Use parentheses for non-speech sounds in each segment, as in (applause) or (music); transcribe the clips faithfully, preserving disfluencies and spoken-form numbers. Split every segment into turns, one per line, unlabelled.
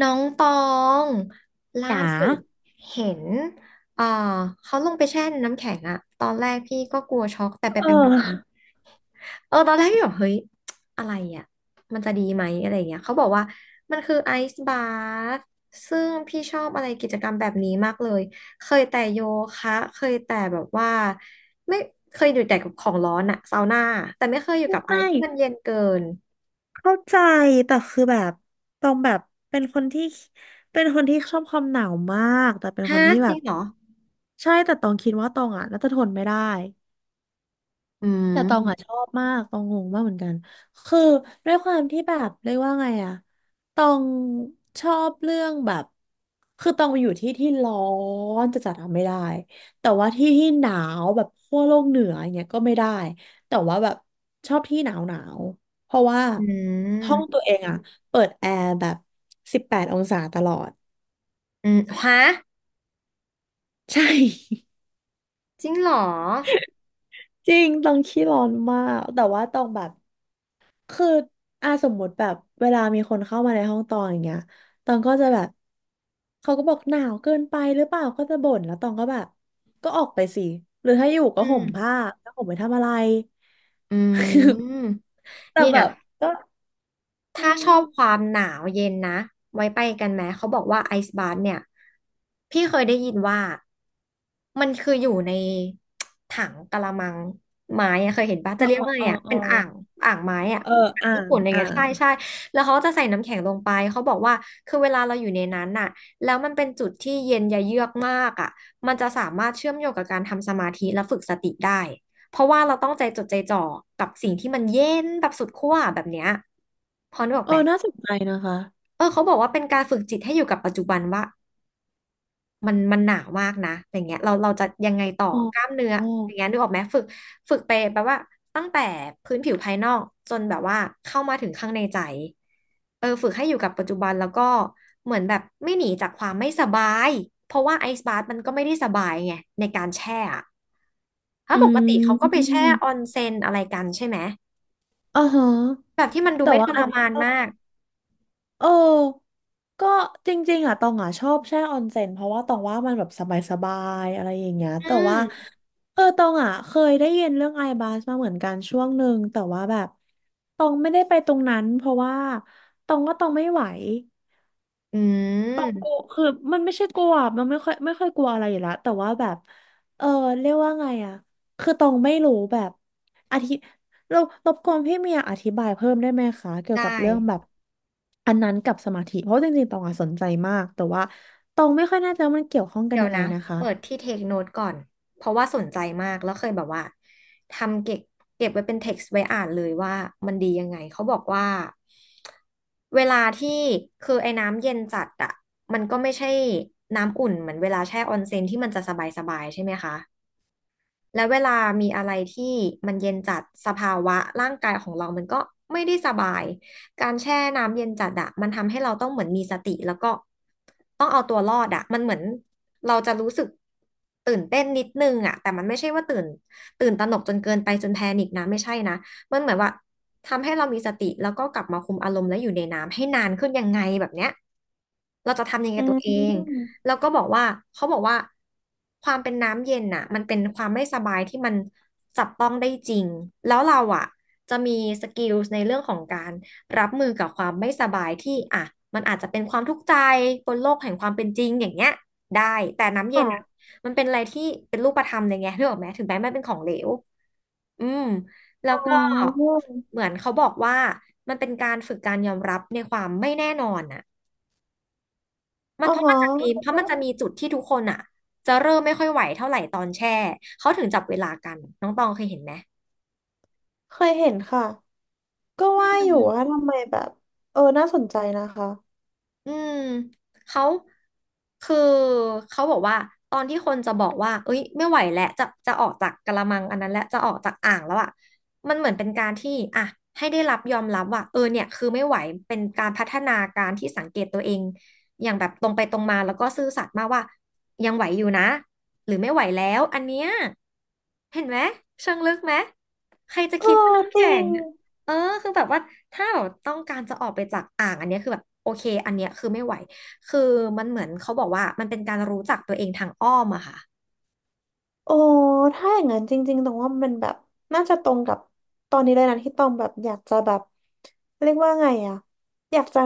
น้องตองล่า
จ๋า
สุดเห็นเอ่อเขาลงไปแช่น้ำแข็งอะ ตอนแรกพี่ก็กลัวช็อกแต่ไป
เอ
ไปมา
อ
ๆเออตอนแรกพี่บอกเฮ้ยอะไรอะมันจะดีไหมอะไรอย่างเงี้ยเขาบอกว่ามันคือไอซ์บาร์ซึ่งพี่ชอบอะไรกิจกรรมแบบนี้มากเลย เคยแต่โยคะ เคยแต่แบบว่าไม่เคยอยู่แต่กับของร้อนอะซาวน่าแต่ไม่เคยอยู่กับอะไร
ไม่
ที่มันเย็นเกิน
เข้าใจ แต่คือแบบตรงแบบ เป็นคนที่ เป็นคนที่ชอบความหนาวมาก แต่เป็นค
ฮะ
นที่
จ
แบ
ริง
บ
เหรอ
ใช่ แต่ตองคิดว่าตองอ่ะน่าจะทนไม่ได้
อื
แต่ตองอ่ะช
ม
อบมากตองงงมากเหมือนกันคือด้วยความที่แบบเรียกว่าไงอะตองชอบเรื่องแบบคือตองไปอยู่ที่ที่ร้อนจะจัดๆอะไม่ได้แต่ว่าที่ที่หนาวแบบขั้วโลกเหนืออย่างเงี้ยก็ไม่ได้แต่ว่าแบบชอบที่หนาวหนาวเพราะว่า
อื
ห้องตั
ม
วเองอะเปิดแอร์แบบสิบแปดองศาตลอด
อืมฮะ
(laughs) ใช่
จริงเหรอ
จริงตองขี้ร้อนมากแต่ว่าตองแบบ คืออ่าสมมติแบบเวลามีคนเข้ามาในห้องตองอย่างเงี้ยตองก็จะแบบเขาก็บอกหนาวเกินไปหรือเปล่าก็จะบ่นแล้วตองก็แบบ ก็ออกไปสิ หรือถ้าอยู่ก็
อื
ห่ม
ม
ผ้าแล้วห่มไปทำอะไร
อื
(laughs)
ม
แต่
เนี่
แบ
ย
บก็อื
ถ้าช
ม
อบความหนาวเย็นนะ ไว้ไปกันไหม เขาบอกว่าไอซ์บา ที เนี่ย พี่เคยได้ยินว่า มันคืออยู่ในถังกะละมังไม้อะเคยเห็นปะ
เอ
จะ
อ
เรีย
เอ
ก
อ
ว่าอะไง
เออ
อะ
เออ
เป็นอ่างอ่างไม้อะ
เอ
อ
อ
่าง
อ่า
ญี่
ง
ปุ่นอะไร
อ่า
เงี้ย
ง
ใช่ใช่แล้วเขาจะใส่น้ำแข็งลงไป เขาบอกว่าคือเวลาเราอยู่ในนั้นน่ะแล้วมันเป็นจุดที่เย็นยะเยือกมากอะมันจะสามารถเชื่อมโยงกับการทำสมาธิและฝึกสติได้ เพราะว่าเราต้องใจจดใจจ่อกับสิ่งที่มันเย็นแบบสุดขั้วแบบเนี้ยพอนึกออก
เออ
ไหม
น่าสนใจนะคะ
เออเขาบอกว่าเป็นการฝึกจิตให้อยู่กับปัจจุบันว่า มันมันหนามากนะอย่างเงี้ยเราเราจะยังไงต่อ
อ๋
กล้าม
อ
เนื้ออย่างเงี้ยนึกออกไหมฝึกฝึกไปแปลว่าตั้งแต่พื้นผิวภายนอกจนแบบว่าเข้ามาถึงข้างในใจเออฝึกให้อยู่กับปัจจุบันแล้วก็เหมือนแบบไม่หนีจากความไม่สบายเพราะว่าไอซ์บาร์มันก็ไม่ได้สบายไงในการแช่อะถ้า
อื
ปกติเขาก็ไป
ม
แช่ออนเซ็นอะไรกันใช่ไหม
อ๋อฮะ
แบบที่มันดู
แต่
ไม่
ว่า
ท
อั
ร
นนี้
มาน
ก็
มาก
เออก็จริงๆอ่ะตองอ่ะชอบแช่ออนเซ็นเพราะว่าตองว่ามันแบบสบายๆ อะไรอย่างเงี้ย
อื
แต่ว่า
ม
เออตองอ่ะเคยได้ยินเรื่องไอบาสมาเหมือนกันช่วงหนึ่ง แต่ว่าแบบตองไม่ได้ไปตรงนั้นเพราะว่าตองว่าตองไม่ไหว
อืม
คือมันไม่ใช่กลัวมันไม่ค่อยไม่ค่อยกลัวอะไรอยู่แล้วแต่ว่าแบบเออเรียกว่าไงอะคือตองไม่รู้แบบอธิเรารบกวนพี่เมียอธิบายเพิ่มได้ไหมคะเกี่ยวกับ
ได้
เรื่องแบบอันนั้นกับสมาธิเพราะจริงๆตองอะสนใจมากแต่ว่าตองไม่ค่อยแน่ใจว่ามันเกี่ยวข้องกัน
เดี๋ย
ยั
ว
งไง
นะ
นะคะ
เปิดที่เทคโน ที อี ก่อนเพราะว่าสนใจมากแล้วเคยแบบว่าทำเก็บเก็บไว้เป็นเท็กซ์ไว้อ่านเลยว่ามันดียังไงเขาบอกว่าเวลาที่คือไอ้น้ำเย็นจัดอะมันก็ไม่ใช่น้ำอุ่นเหมือนเวลาแช่ออนเซ็นที่มันจะสบายๆใช่ไหมคะ แล้วเวลามีอะไรที่มันเย็นจัดสภาวะร่างกายของเรามันก็ไม่ได้สบาย การแช่น้ำเย็นจัดอะมันทำให้เราต้องเหมือนมีสติแล้วก็ต้องเอาตัวรอดอะมันเหมือนเราจะรู้สึกตื่นเต้นนิดนึงอะแต่มันไม่ใช่ว่าตื่นตื่นตระหนกจนเกินไปจนแพนิคนะไม่ใช่นะมันเหมือนว่าทำให้เรามีสติแล้วก็กลับมาคุมอารมณ์และอยู่ในน้ำให้นานขึ้นยังไงแบบเนี้ยเราจะทำยังไง
อื
กับตัวเอง
ม
แล้วก็บอกว่าเขาบอกว่าความเป็นน้ำเย็นน่ะมันเป็นความไม่สบายที่มันจับต้องได้จริงแล้วเราอ่ะจะมีสกิลในเรื่องของการรับมือกับความไม่สบายที่อ่ะมันอาจจะเป็นความทุกข์ใจบนโลกแห่งความเป็นจริงอย่างเงี้ยได้แต่น้ำเย็นอ่ะ
ค่ะ
มันเป็นอะไรที่เป็นรูปธรรมเลยไงนึกออกไหมถึงแม้มันเป็นของเหลวอืมแล้ว
อ๋อ
ก็เหมือนเขาบอกว่ามันเป็นการฝึกการยอมรับในความไม่แน่นอนอะ มัน
อ๋อ
เพราะมั
ฮะ
นจะมีเพราะ
ก็
มันจะมีจุดที่ทุกคนอ่ะจะเริ่มไม่ค่อยไหวเท่าไหร่ตอนแช่เขาถึงจับเวลากันน้องตองเคยเห็นไหม
เคยเห็นค่ะก็
อื
ว่าอยู่ว่า
ม
ทำไมแบบเออน่าสนใจนะคะ
อืมเขาคือเขาบอกว่าตอนที่คนจะบอกว่าเอ้ยไม่ไหวแล้วจะจะออกจากกะละมังอันนั้นแล้วจะออกจากอ่างแล้วอ่ะมันเหมือนเป็นการที่อ่ะให้ได้รับยอมรับว่าเออเนี่ยคือไม่ไหวเป็นการพัฒนาการที่สังเกตตัวเองอย่างแบบตรงไปตรงมาแล้วก็ซื่อสัตย์มากว่ายังไหวอยู่นะหรือไม่ไหวแล้วอันเนี้ยเห็นไหมเชิงลึกไหมใครจะ
เอ
คิดว่า
อ
น้ำ
จริ
แข็ง
ง
เออคือแบบว่าถ้าแบบต้องการจะออกไปจากอ่างอันเนี้ยคือแบบโอเคอันเนี้ยคือไม่ไหวคือมันเหมือนเขาบอกว่ามันเป็นการรู้จักตัวเองทางอ้อมอะค่ะ
โอ้ถ้าอย่างนั้นจริงๆตรงว่ามันแบบน่าจะตรงกับตอนนี้เลยนะที่ตองแบบอยากจะแบบเรียกว่าไงอะอยากจะ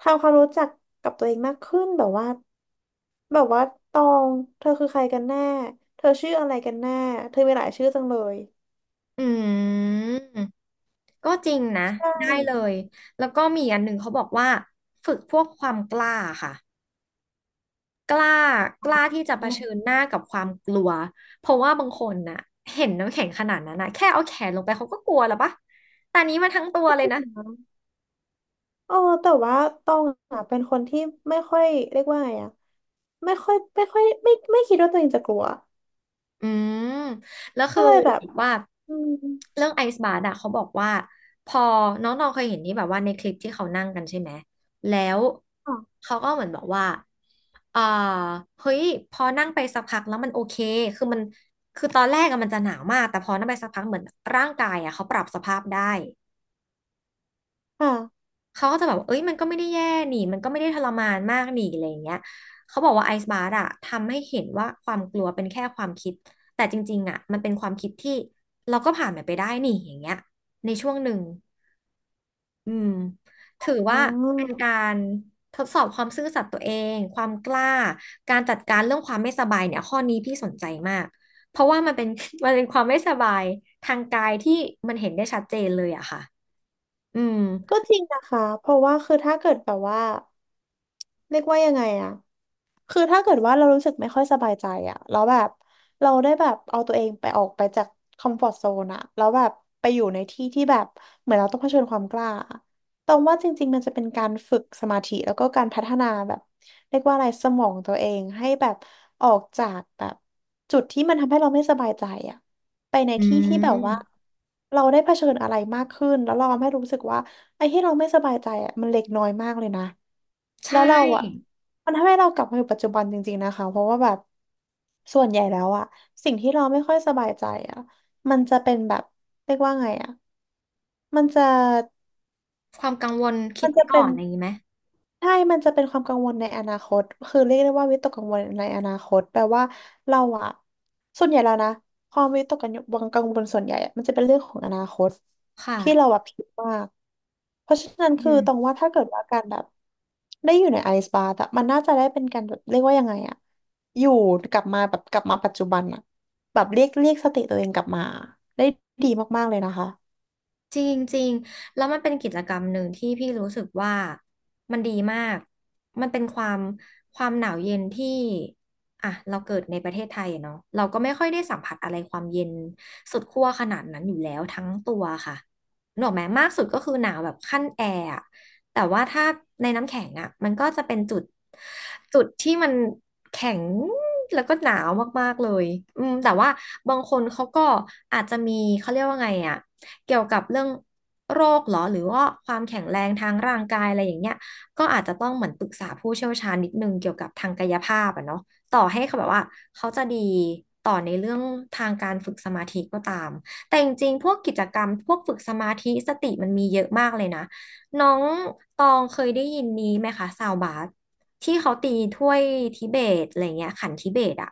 ทำความรู้จักกับตัวเองมากขึ้นแบบว่าแบบว่าตองเธอคือใครกันแน่เธอชื่ออะไรกันแน่เธอมีหลายชื่อจังเลย
อืมก็จริงนะ
ใช่
ได้เลยแล้วก็มีอันหนึ่งเขาบอกว่าฝึกพวกความกล้าค่ะกล้ากล้าที่จะเผ
อื
ชิญ
ม
หน้ากับความกลัวเพราะว่าบางคนน่ะเห็นน้ำแข็งขนาดนั้นนะแค่เอาแขนลงไปเขาก็กลัวแล้วปะแต่อันนี้มาทั้งตัวเลยนะ
เออแต่ว่าตองอะเป็นคนที่ไม่ค่อยเรียกว่าไงอะไม่ค่อยไม่ค่อยไม่ไม่คิดว่าตัวเองจะกลัว
อืมแล้วคื
ก็
อ
เลยแบ
แบ
บ
บว่า
อืม
เรื่องไอซ์บาร์อะเขาบอกว่าพอน้องๆเคยเห็นที่แบบว่าในคลิปที่เขานั่งกันใช่ไหมแล้ว
ค่ะ
เขาก็เหมือนบอกว่าเอ่อเฮ้ยพอนั่งไปสักพักแล้วมันโอเคคือมันคือตอนแรกอะมันจะหนาวมากแต่พอนั่งไปสักพักเหมือนร่างกายอะเขาปรับสภาพได้ เขาก็จะแบบว่าเอ้ยมันก็ไม่ได้แย่นี่มันก็ไม่ได้ทรมานมากนี่อะไรอย่างเงี้ยเขาบอกว่าไอซ์บาร์อะทำให้เห็นว่าความกลัวเป็นแค่ความคิดแต่จริงๆอะมันเป็นความคิดที่เราก็ผ่านมันไปได้นี่อย่างเงี้ยในช่วงหนึ่งอืมถือ
อ๋
ว่าเป็น
อ
การทดสอบความซื่อสัตย์ตัวเองความกล้าการจัดการเรื่องความไม่สบายเนี่ยข้อนี้พี่สนใจมากเพราะว่ามันเป็น (laughs) มันเป็นความไม่สบายทางกายที่มันเห็นได้ชัดเจนเลยอะค่ะอืม
ก็จริงนะคะเพราะว่าคือถ้าเกิดแบบว่าเรียกว่ายังไงอะคือถ้าเกิดว่าเรารู้สึกไม่ค่อยสบายใจอะแล้วแบบเราได้แบบเอาตัวเองไปออกไปจากคอมฟอร์ z โซนอะแล้วแบบไปอยู่ในที่ที่แบบเหมือนเราต้องเผชิญความกล้าอะตรงว่าจริงๆมันจะเป็นการฝึกสมาธิแล้วก็การพัฒนาแบบเรียกว่าอะไรสมองตัวเองให้แบบออกจากแบบจุดที่มันทำให้เราไม่สบายใจอะไปใน
อื
ที่ที่แบบว่า
ม
เราได้เผชิญอะไรมากขึ้นแล้วเราทำให้รู้สึกว่า ไอ้ที่เราไม่สบายใจอ่ะมันเล็กน้อยมากเลยนะ
ใช
แล้วเราอ่ะ
่
มันทำให้เรากลับมาอยู่ปัจจุบันจริงๆนะคะเพราะว่าแบบส่วนใหญ่แล้วอ่ะสิ่งที่เราไม่ค่อยสบายใจอ่ะมันจะเป็นแบบเรียกว่าไงอ่ะมันจะ
ความกังวลคิด
มัน
ไป
จะ
ก่
เป็
อ
น
นอะไรอย่างนี้ไหม
ใช่มันจะเป็นความกังวลในอนาคตคือเรียกได้ว่าวิตกกังวลในอนาคตแปลว่าเราอะส่วนใหญ่แล้วนะความวิตกกังวลกังวลส่วนใหญ่อะมันจะเป็นเรื่องของอนาคต
ค่ะ
ที่เราแบบคิดมาก เพราะฉะนั้น
อื
คือ
ม
ตรงว่าถ้าเกิดว่าการแบบได้อยู่ในไอซ์บาร์อะมันน่าจะได้เป็นการแบบเรียกว่ายังไงอะอยู่กลับมาแบบกลับมาปัจจุบันอะแบบเรียกเรียกสติตัวเองกลับมาได้ดีมากๆเลยนะคะ
จริงจริงแล้วมันเป็นกิจกรรมหนึ่งที่พี่รู้สึกว่ามันดีมากมันเป็นความความหนาวเย็นที่อ่ะเราเกิดในประเทศไทยอะเนาะเราก็ไม่ค่อยได้สัมผัสอะไรความเย็นสุดขั้วขนาดนั้นอยู่แล้วทั้งตัวค่ะหนกออกไหมมากสุดก็คือหนาวแบบขั้นแอร์อะแต่ว่าถ้าในน้ำแข็งอะมันก็จะเป็นจุดจุดที่มันแข็งแล้วก็หนาวมากๆเลยอืมแต่ว่าบางคนเขาก็อาจจะมีเขาเรียกว่าไงอะ เกี่ยวกับเรื่องโรคเหรอหรือว่าความแข็งแรงทางร่างกายอะไรอย่างเงี้ยก็อาจจะต้องเหมือนปรึกษาผู้เชี่ยวชาญนิดนึงเกี่ยวกับทางกายภาพอะเนาะต่อให้เขาแบบว่าเขาจะดีต่อในเรื่องทางการฝึกสมาธิก็ตาม แต่จริงๆพวกกิจกรรมพวกฝึกสมาธิสติมันมีเยอะมากเลยนะน้องตองเคยได้ยินนี้ไหมคะซาวบาสที่เขาตีถ้วยทิเบตอะไรเงี้ยขันทิเบตอะ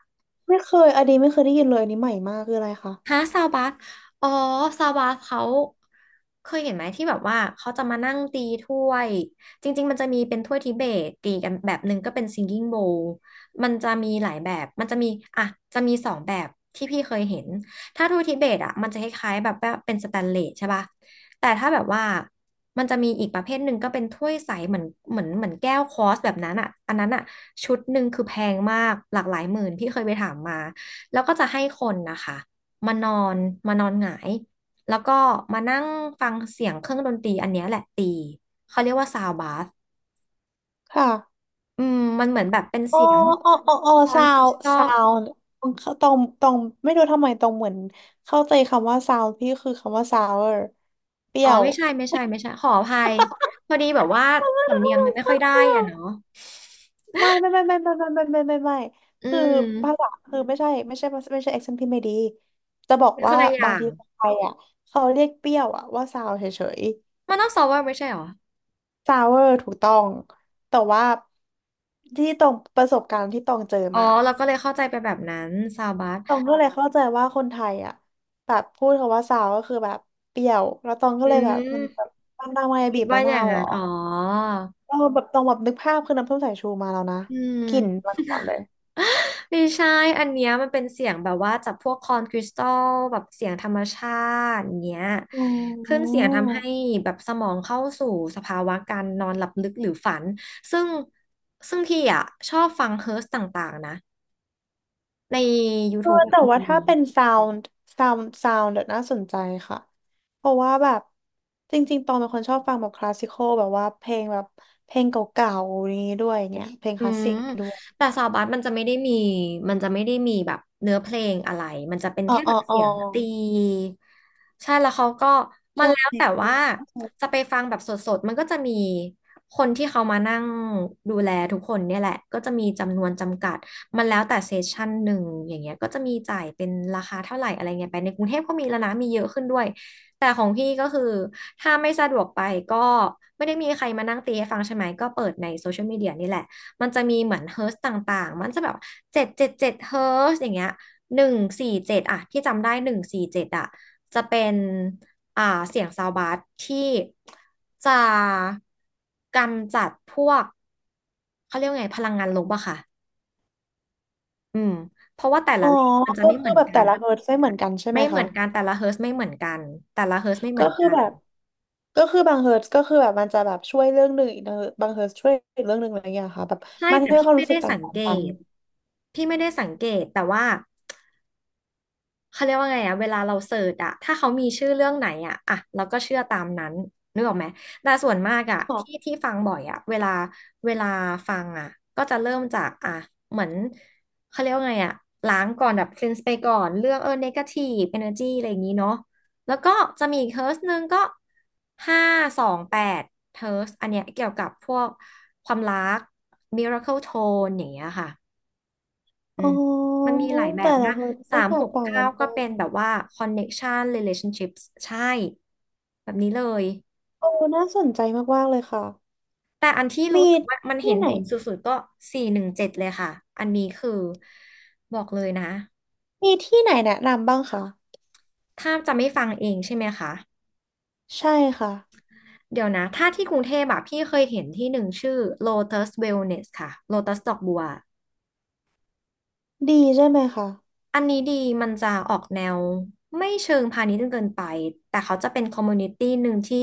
ไม่เคยอันนี้ไม่เคยได้ยินเลยอันนี้ใหม่มากคืออะไรคะ
ฮะซาวบาสอ๋อซาวบาสเขาเคยเห็นไหมที่แบบว่าเขาจะมานั่งตีถ้วยจริงๆมันจะมีเป็นถ้วยทิเบตตีกันแบบหนึ่งก็เป็นซิงกิ้งโบว์มันจะมีหลายแบบมันจะมีอ่ะจะมีสองแบบที่พี่เคยเห็นถ้าถ้วยทิเบตอ่ะมันจะคล้ายๆแบบว่าเป็นสแตนเลสใช่ป่ะแต่ถ้าแบบว่ามันจะมีอีกประเภทหนึ่งก็เป็นถ้วยใสเหมือนเหมือนเหมือนแก้วคอสแบบนั้นอ่ะอันนั้นอ่ะชุดหนึ่งคือแพงมากหลากหลายหมื่นพี่เคยไปถามมาแล้วก็จะให้คนนะคะ มานอนมานอนหงายแล้วก็มานั่งฟังเสียงเครื่องดนตรีอันเนี้ยแหละตีเขาเรียกว่าซาวบาส
ค่ะ
อืมมันเหมือนแบบเป็น
โอ้
เสียง
โอ้โอ้โอ้
ช้อน
ซา
คริ
ว
สตัล
ซาวตรงตรงตรงไม่รู้ทำไมตรงเหมือนเข้าใจคำว่าซาวพี่คือคำว่าซาวเอร์เปรี้
อ๋อ
ยว
ไม่ใช่ไม่
(laughs)
ใช่ไม่ใช่ขออภัยพอดีแบบว่า
เ
สำเนีย
ออ
งมันไม่
เ
ค่อยได้
ปรี้ย
อ่ะ
ว
เนาะ
ไม่ไม่ไม่ไม่ไม่ไม่ไม่ไม่ไม่ไม่
อื
คือภา
ม
ษาคือไม่ใช่ไม่ใช่ไม่ใช่ accent พี่ไม่ดีจะบอก
เป็นค
ว่า
นละอ
บา
ย่า
ง
ง
ทีคนไทยอ่ะเขาเรียกเปรี้ยวอ่ะว่าซาวเฉย
มันต้องซาวไม่ใช่เหรอ
ๆซาวเวอร์ถูกต้องแต่ว่าที่ตรงประสบการณ์ที่ตองเจอ
อ๋อ
มา
เราก็เลยเข้าใจไปแบบนั้นซาวบาส
ตองก็เลยเข้าใจว่าคนไทยอ่ะแบบพูดคำว่าซาวก็คือแบบเปรี้ยวแล้วตองก็
อื
เลยแบบมันแบบ
ม
ตามตามมา
คิ
บี
ด
บ
ว่า
มะ
อ
นา
ย่าง
วเหร
นั้
อ
นอ๋อ
เออแบบตองแบบนึกภาพคือน้ำส้มสายชูมาแล้วนะ
อื
กลิ่น
ม
มาก่อนเลย
ไม่ใช่อันเนี้ยมันเป็นเสียงแบบว่าจากพวกคอนคริสตัลแบบเสียงธรรมชาติอย่างเงี้ย
อ๋
ขึ้น
อ
เสียงทำให้แบบสมองเข้าสู่สภาวะการนอนหลับลึกหรือฝัน ซึ่งซึ่งพี่อ่ะชอบฟังเฮิร์สต่างๆนะใน
เออ
YouTube บะ
แต่ว่า
มี
ถ้าเป็นซาวด์ซาวด์ซาวด์เดี๋ยวน่าสนใจค่ะเพราะว่าแบบจริงๆตองเป็นคนชอบฟังแบบคลาสสิคอลแบบว่าเพลงแบบเพลงเก่าๆนี้ด้วยเนี่ยเพลง
อื
คลาส
ม
สิกด้วย
แต่ซาวบัสมันจะไม่ได้มี มันจะไม่ได้มีแบบเนื้อเพลงอะไร มันจะเป็น
อ๋อ
แค่
อ๋
แบ
อ
บ
อ๋
เสี
อ
ยงตี ใช่แล้วเขาก็ มั
ใช่
นแล้วแต่ว่าจะไปฟังแบบสดๆ มันก็จะมีคนที่เขามานั่งดูแลทุกคนเนี่ยแหละ ก็จะมีจำนวนจำกัดมันแล้วแต่เซสชั่นหนึ่งอย่างเงี้ยก็จะมีจ่ายเป็นราคาเท่าไหร่อะไรเงี้ยไปในกรุงเทพก็มีแล้วนะมีเยอะขึ้นด้วยแต่ของพี่ก็คือถ้าไม่สะดวกไปก็ไม่ได้มีใครมานั่งตีให้ฟังใช่ไหมก็เปิดในโซเชียลมีเดียนี่แหละ มันจะมีเหมือนเฮิร์ตซ์ต่างๆมันจะแบบเจ็ดเจ็ดเจ็ดเฮิร์ตซ์อย่างเงี้ยหนึ่งสี่เจ็ดอะที่จำได้หนึ่งสี่เจ็ดอะจะเป็นอ่าเสียงซาวบาสที่จะกำจัดพวกเขาเรียกว่าไงพลังงานลบอะค่ะอืมเพราะว่าแต่
อ๋
ละ
อ
เลขมันจะ
ก็
ไม่เห
คื
มื
อ
อน
แบบ
กั
แต่
น
ละเฮิร์ตซ์ไม่เหมือนกันใช่ไหม
ไม่เหมื
คะ
อนกันแต่ละเฮิร์ตซ์ไม่เหมือนกันแต่ละเฮิร์ตซ์ไม่เหมื
ก็
อน
คือ
กัน
แบบก็คือบางเฮิร์ตซ์ก็คือแบบมันจะแบบช่วยเรื่องหนึ่งอีกนะบางเฮิร์ตซ์ช่วยอีกเรื่องหนึ่งอะไรอย่างเงี้ยค่ะแบบ
ใช่
มัน
แต่
ให้
พี่
ความ
ไม่
รู้สึ
ได้
ก
สัง
ต่า
เก
งๆกัน
ตพี่ไม่ได้สังเกตแต่ว่า เขาเรียกว่าไงอะเวลาเราเสิร์ชอะถ้าเขามีชื่อเรื่องไหนอะอะเราก็เชื่อตามนั้นนึกออกไหมแต่ส่วนมากอะที่
ค่ะ
ที่ฟังบ่อยอะเวลาเวลาฟังอะก็จะเริ่มจากอะเหมือนเขาเรียกว่าไงอะล้างก่อนแบบ cleanse ไปก่อนเรื่องเออ negative energy อะไรอย่างนี้เนาะแล้วก็จะมีอีกเฮิร์สหนึ่งก็ห้าสองแปดเฮิร์สอันเนี้ยเกี่ยวกับพวกความรัก miracle tone อย่างเงี้ยค่ะ อื
อ๋
ม
อ
มันมีหลายแบ
แต่
บ
ละ
นะ
เฮิร์ตซ์
สา
ก็
ม
แต
ห
ก
ก
ต่าง
เก้า
กันไป
ก็เป็นแบบว่า connection relationships ใช่แบบนี้เลย
โอ้น่าสนใจมากๆเลยค่ะ
แต่อันที่รู้
มี
สึกว่ามันเห็
ที่
น
ไหน
ผลสุดๆก็สี่หนึ่งเจ็ดเลยค่ะ อันนี้คือบอกเลยนะ
มีที่ไหนแนะนำบ้างคะ
ถ้าจะไม่ฟังเองใช่ไหมคะ
ใช่ค่ะ
เดี๋ยวนะถ้าที่กรุงเทพอะพี่เคยเห็นที่หนึ่งชื่อ Lotus Wellness ค่ะ Lotus ดอกบัว
ดีใช่ไหมคะ
อันนี้ดีมันจะออกแนวไม่เชิงพาณิชย์จนเกินไปแต่เขาจะเป็นคอมมูนิตี้หนึ่งที่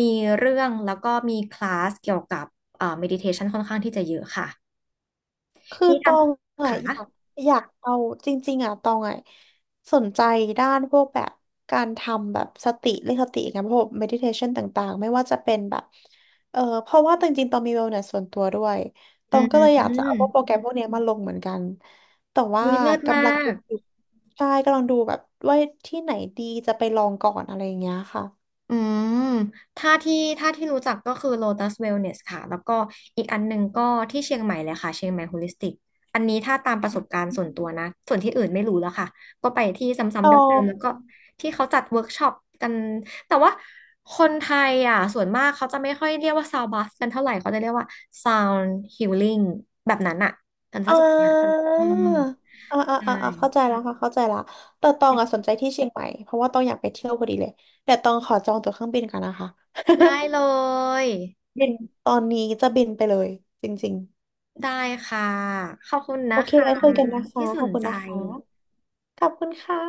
มีเรื่องแล้วก็มีคลาสเกี่ยวกับเอ่อเมดิเทชันค่อนข้างที่จะเยอะค่ะ
คือ
มี
ต
ท
อง
ำ
อ่ะ
ค่ะ
อยากอยากเอาจริงๆอ่ะตองอ่ะสนใจด้านพวกแบบการทำแบบสติเรื่องสติกันพวก meditation ต่างๆไม่ว่าจะเป็นแบบเออเพราะว่าจริงๆตองมี wellness ส่วนตัวด้วยต
อื
องก็เลยอยากจะเอาพวกโปร
ม
แกรมพวกเนี้ยมาลงเหมือนกันแต่ว่า
วิเลิศมา
กำลังดู
ก
อยู่ใช่กำลังดูแบบว่าที่ไหนดีจะไปลองก่อนอะไรอย่างเงี้ยค่ะ
อืมถ้าที่ถ้าที่รู้จักก็คือ Lotus Wellness ค่ะ แล้วก็อีกอันหนึ่งก็ที่เชียงใหม่เลยค่ะเชียงใหม่ Holistic อันนี้ถ้าตามประสบการณ์ส่วนตัวนะ ส่วนที่อื่นไม่รู้แล้วค่ะ ก็ไปที่ซ้ำ
ต
ๆ
อ
เดิ
ง
มๆแล้วก็ที่เขาจัดเวิร์กช็อปกัน แต่ว่าคนไทยอ่ะส่วนมากเขาจะไม่ค่อยเรียกว่าซาวบัสกันเท่าไหร่เขาจะเรียกว่า Sound Healing แบบนั้นอ่ะกันซะ
อ่
ส่วนใหญ่
า
อืม
อ่าอ่า
ใช่
อ่าอ่าเข้าใจแล้วค่ะเข้าใจละแต่ตองอ่ะสนใจที่เชียงใหม่เพราะว่าตองอยากไปเที่ยวพอดีเลยแต่ตองขอจองตั๋วเครื่องบินกันนะคะ
ได้เลย
(laughs) บินตอนนี้จะบินไปเลยจริง
ได้ค่ะ ขอบคุณ
ๆโอ
นะ
เค
คะ
ไว้คุยกันนะคะ
ที่ส
ขอบ
น
คุณ
ใจ
นะคะขอบคุณค่ะ